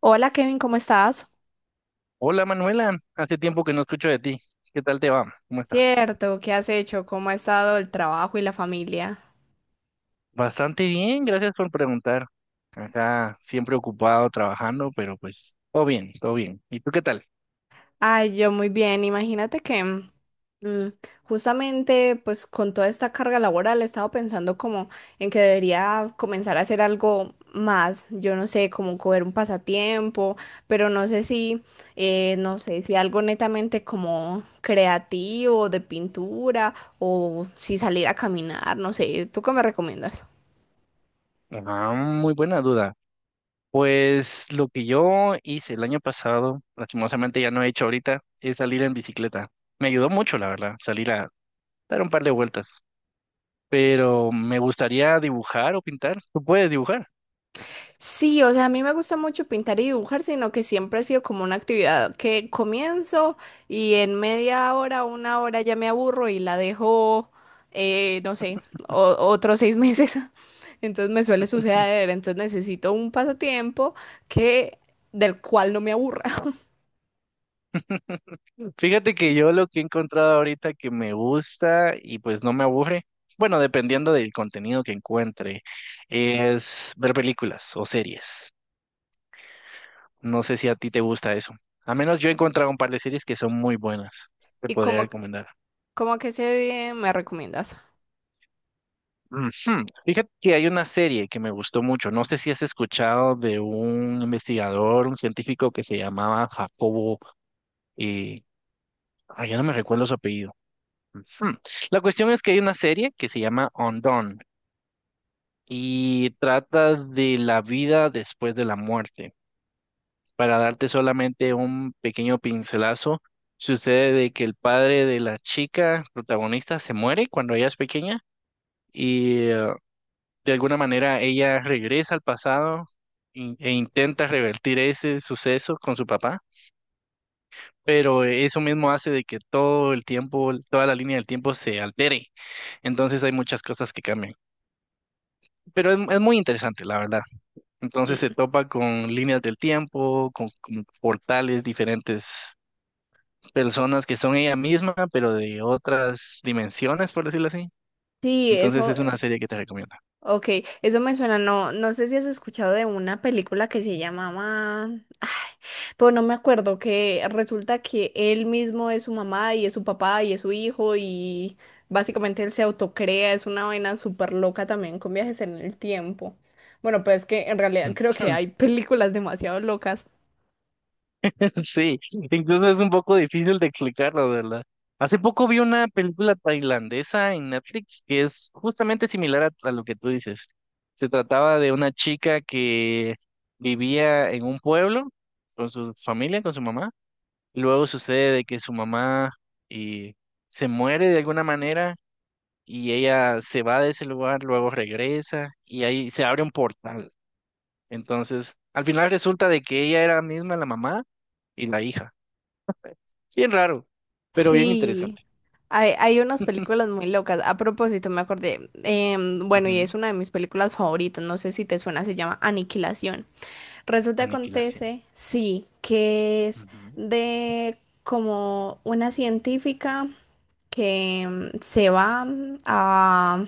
Hola Kevin, ¿cómo estás? Hola Manuela, hace tiempo que no escucho de ti. ¿Qué tal te va? ¿Cómo estás? Cierto, ¿qué has hecho? ¿Cómo ha estado el trabajo y la familia? Bastante bien, gracias por preguntar. Acá siempre ocupado trabajando, pero pues todo bien, todo bien. ¿Y tú qué tal? Ay, yo muy bien. Imagínate que mm, justamente pues con toda esta carga laboral he estado pensando como en que debería comenzar a hacer algo más. Yo no sé, como coger un pasatiempo, pero no sé si, no sé, si algo netamente como creativo, de pintura o si salir a caminar, no sé. ¿Tú qué me recomiendas? Ah, muy buena duda. Pues lo que yo hice el año pasado, lastimosamente ya no he hecho ahorita, es salir en bicicleta. Me ayudó mucho, la verdad, salir a dar un par de vueltas. Pero me gustaría dibujar o pintar. ¿Tú puedes dibujar? Sí, o sea, a mí me gusta mucho pintar y dibujar, sino que siempre ha sido como una actividad que comienzo y en 1/2 hora, una hora ya me aburro y la dejo, no sé, otros 6 meses. Entonces me suele suceder, entonces necesito un pasatiempo que del cual no me aburra. Fíjate que yo lo que he encontrado ahorita que me gusta y pues no me aburre, bueno, dependiendo del contenido que encuentre, es ver películas o series. No sé si a ti te gusta eso. A menos yo he encontrado un par de series que son muy buenas. Te ¿Y podría recomendar. como qué serie me recomiendas? Ujú. Fíjate que hay una serie que me gustó mucho. No sé si has escuchado de un investigador, un científico que se llamaba Jacobo, eh, ay, ya no me recuerdo su apellido. Ujú. La cuestión es que hay una serie que se llama Undone y trata de la vida después de la muerte. Para darte solamente un pequeño pincelazo, sucede de que el padre de la chica protagonista se muere cuando ella es pequeña y de alguna manera ella regresa al pasado e intenta revertir ese suceso con su papá. Pero eso mismo hace de que todo el tiempo, toda la línea del tiempo se altere. Entonces hay muchas cosas que cambian. Pero es muy interesante, la verdad. Entonces se Mm. topa con líneas del tiempo, con portales, diferentes personas que son ella misma, pero de otras dimensiones, por decirlo así. Sí, Entonces eso. es una serie que te recomiendo. Ok, eso me suena, no, no sé si has escuchado de una película que se llamaba, pues no me acuerdo, que resulta que él mismo es su mamá y es su papá y es su hijo y básicamente él se autocrea, es una vaina súper loca también con viajes en el tiempo. Bueno, pues es que en realidad Mm. creo que hay películas demasiado locas. Sí, incluso es un poco difícil de explicarlo, de ¿verdad? Hace poco vi una película tailandesa en Netflix que es justamente similar a lo que tú dices. Se trataba de una chica que vivía en un pueblo con su familia, con su mamá. Luego sucede de que su mamá, eh, se muere de alguna manera y ella se va de ese lugar, luego regresa y ahí se abre un portal. Entonces, al final resulta de que ella era misma la mamá y la hija. Bien raro, pero bien Sí, interesante. Hay unas películas muy locas. A propósito, me acordé, bueno, y es Ujú. una de mis películas favoritas, no sé si te suena, se llama Aniquilación. Resulta, Aniquilación. acontece, sí, que es de como una científica que se va a,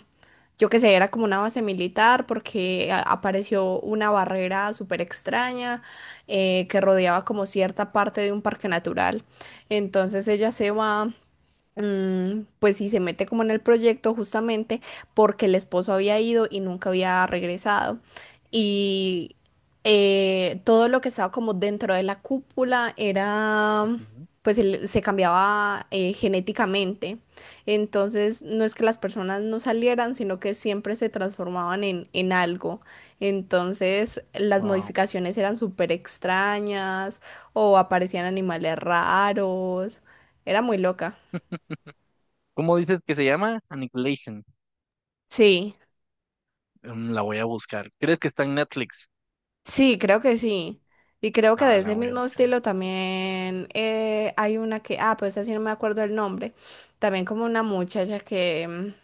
yo qué sé, era como una base militar porque apareció una barrera súper extraña que rodeaba como cierta parte de un parque natural. Entonces ella se va, pues sí, se mete como en el proyecto justamente porque el esposo había ido y nunca había regresado. Y todo lo que estaba como dentro de la cúpula era, pues se cambiaba genéticamente. Entonces, no es que las personas no salieran, sino que siempre se transformaban en algo. Entonces, las Wow. modificaciones eran súper extrañas o aparecían animales raros. Era muy loca. ¿Cómo dices que se llama? Annihilation. Sí, Mm, la voy a buscar. ¿Crees que está en Netflix? sí, creo que sí. Y creo que de Ah, la ese voy a mismo buscar. estilo también, hay una que, ah, pues así no me acuerdo el nombre, también como una muchacha que,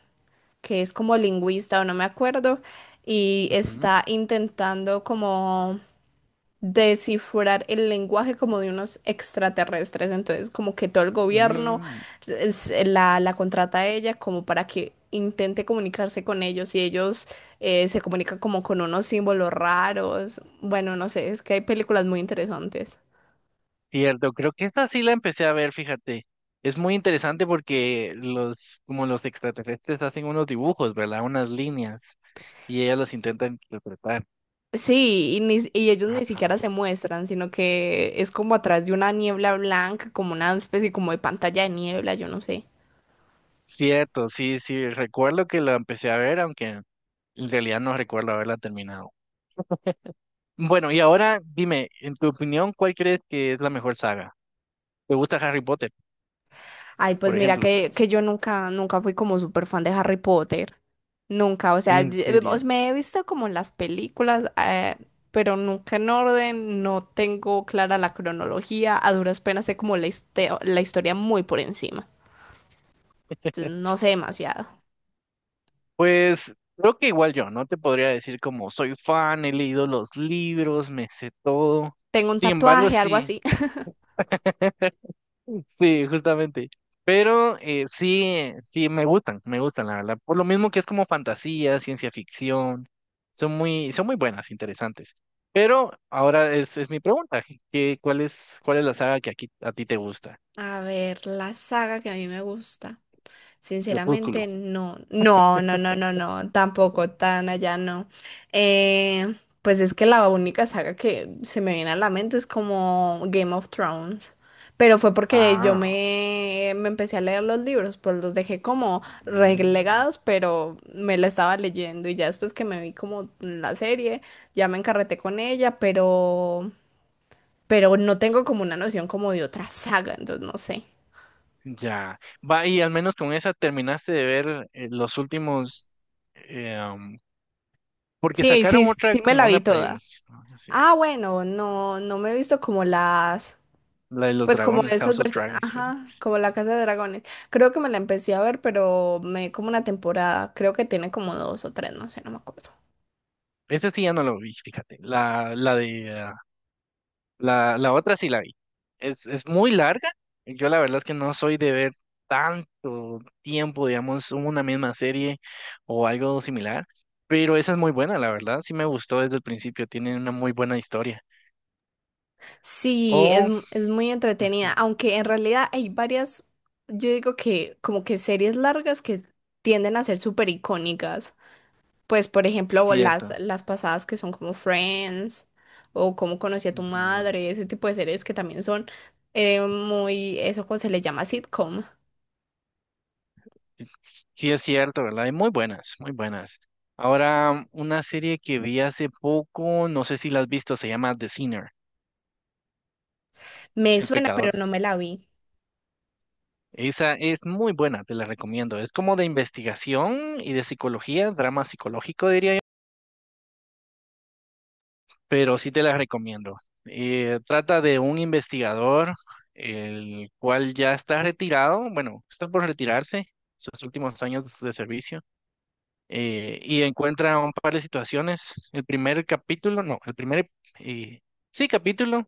que es como lingüista o no me acuerdo y Ujú. está intentando como descifrar el lenguaje como de unos extraterrestres. Entonces, como que todo el gobierno Mm. La, la contrata a ella como para que intente comunicarse con ellos y ellos, se comunican como con unos símbolos raros. Bueno, no sé, es que hay películas muy interesantes. Cierto, creo que esta sí la empecé a ver, fíjate. Es muy interesante porque los, como los extraterrestres hacen unos dibujos, ¿verdad? Unas líneas y ellas las intentan interpretar. Sí, y, y ellos ni Ajá. siquiera se No. muestran, sino que es como atrás de una niebla blanca, como una especie como de pantalla de niebla, yo no sé. Cierto, sí, sí, recuerdo que la empecé a ver, aunque en realidad no recuerdo haberla terminado. Bueno, y ahora dime, en tu opinión, ¿cuál crees que es la mejor saga? ¿Te gusta Harry Potter, Ay, pues por mira ejemplo? Que yo nunca, nunca fui como súper fan de Harry Potter. Nunca, o sea, ¿En serio? Me he visto como en las películas, pero nunca en orden, no tengo clara la cronología, a duras penas sé como la, la historia muy por encima. Entonces no sé demasiado. Pues creo que igual yo, no te podría decir como soy fan, he leído los libros, me sé todo. Tengo un Sin embargo, tatuaje, algo sí, así. sí, justamente. Pero sí, sí, me gustan, la verdad. Por lo mismo que es como fantasía, ciencia ficción, son muy buenas, interesantes. Pero ahora es mi pregunta, cuál es la saga que aquí a ti te gusta? A ver, la saga que a mí me gusta. Crepúsculo. Sinceramente, no, no, no, no, no, no, tampoco tan allá, no. Eh, pues es que la única saga que se me viene a la mente es como Game of Thrones. Pero fue porque yo Ah. Me empecé a leer los libros, pues los dejé como Mm. relegados, pero me la estaba leyendo y ya después que me vi como la serie, ya me encarreté con ella, pero no tengo como una noción como de otra saga, entonces no sé. Ya. Va, y al menos con esa terminaste de ver los últimos. eh, um, Porque Sí, sí, sacaron otra sí me como la vi una previa. toda. Sí. Ah, bueno, no, no me he visto como las, La de los pues como dragones, esas House of versiones, Dragons. Esa ajá, como La Casa de Dragones. Creo que me la empecé a ver, pero me como una temporada, creo que tiene como dos o tres, no sé, no me acuerdo. esa sí ya no lo vi, fíjate. La, la otra sí la vi. Es muy larga. Yo la verdad es que no soy de ver tanto tiempo, digamos, una misma serie o algo similar. Pero esa es muy buena, la verdad. Sí me gustó desde el principio. Tiene una muy buena historia. Sí, es, O. Es muy entretenida, Ujú. aunque en realidad hay varias, yo digo que como que series largas que tienden a ser súper icónicas. Pues, por ejemplo, Cierto. las pasadas que son como Friends o cómo conocí a tu Ujú. madre, ese tipo de series que también son muy, eso como se le llama sitcom. Sí, sí es cierto, ¿verdad? Hay muy buenas, muy buenas. Ahora, una serie que vi hace poco, no sé si la has visto, se llama The Sinner, Me El suena, pero Pecador. no me la vi. Esa es muy buena, te la recomiendo. Es como de investigación y de psicología, drama psicológico, diría yo, pero sí te la recomiendo. Trata de un investigador, el cual ya está retirado, bueno, está por retirarse, sus últimos años de servicio, y encuentra un par de situaciones. El primer capítulo, no, el primer, eh, sí, capítulo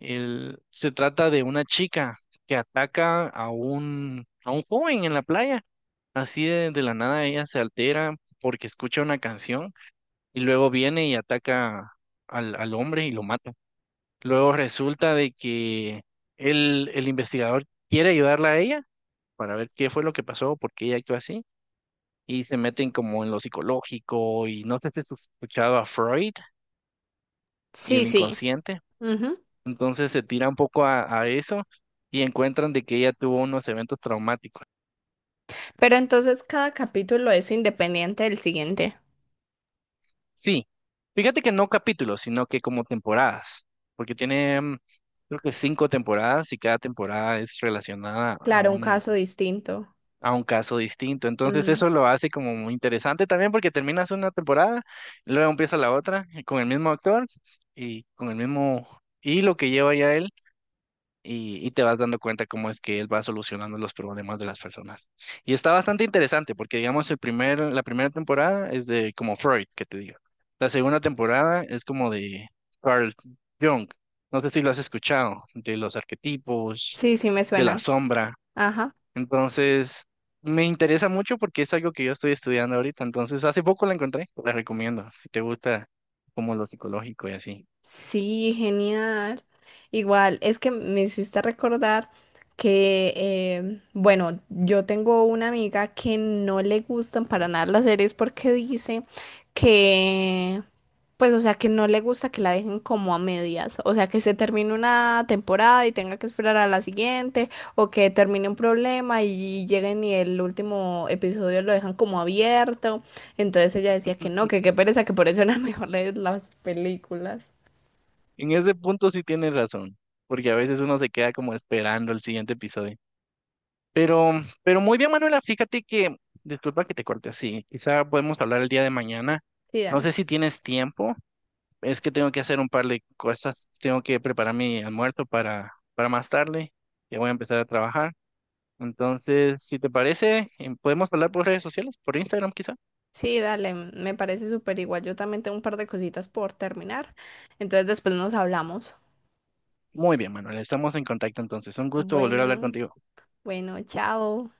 se trata de una chica que ataca a a un joven en la playa. Así de la nada ella se altera porque escucha una canción y luego viene y ataca al hombre y lo mata. Luego resulta de que el investigador quiere ayudarla a ella para ver qué fue lo que pasó, por qué ella actuó así y se meten como en lo psicológico, y no sé si has escuchado a Freud y Sí, el sí. inconsciente. Ujú. Entonces se tira un poco a eso y encuentran de que ella tuvo unos eventos traumáticos. Pero entonces cada capítulo es independiente del siguiente. Sí, fíjate que no capítulos, sino que como temporadas, porque tiene creo que cinco temporadas y cada temporada es relacionada a Claro, un caso distinto. a un caso distinto. Entonces Mm. eso lo hace como muy interesante también porque terminas una temporada, luego empieza la otra, con el mismo actor y con el mismo hilo que lleva ya él, y te vas dando cuenta cómo es que él va solucionando los problemas de las personas. Y está bastante interesante porque, digamos, la primera temporada es de como Freud, que te digo. La segunda temporada es como de Carl Jung. No sé si lo has escuchado, de los arquetipos, Sí, sí, me de la suenan. sombra. Ajá. Entonces, me interesa mucho porque es algo que yo estoy estudiando ahorita. Entonces, hace poco la encontré, la recomiendo, si te gusta como lo psicológico y así. Sí, genial. Igual, es que me hiciste recordar que, bueno, yo tengo una amiga que no le gustan para nada las series porque dice que, pues, o sea, que no le gusta que la dejen como a medias, o sea, que se termine una temporada y tenga que esperar a la siguiente, o que termine un problema y lleguen y el último episodio lo dejan como abierto. Entonces ella decía que no, que qué pereza, que por eso era mejor leer las películas. En ese punto sí tienes razón, porque a veces uno se queda como esperando el siguiente episodio. Pero muy bien, Manuela, fíjate que, disculpa que te corte así, quizá podemos hablar el día de mañana. Sí, No sé dale. si tienes tiempo, es que tengo que hacer un par de cosas, tengo que preparar mi almuerzo para, más tarde, ya voy a empezar a trabajar. Entonces, si te parece, podemos hablar por redes sociales, por Instagram quizá. Sí, dale, me parece súper igual. Yo también tengo un par de cositas por terminar. Entonces después nos hablamos. Muy bien, Manuela, estamos en contacto entonces. Un gusto volver a hablar Bueno, contigo. bueno, chao.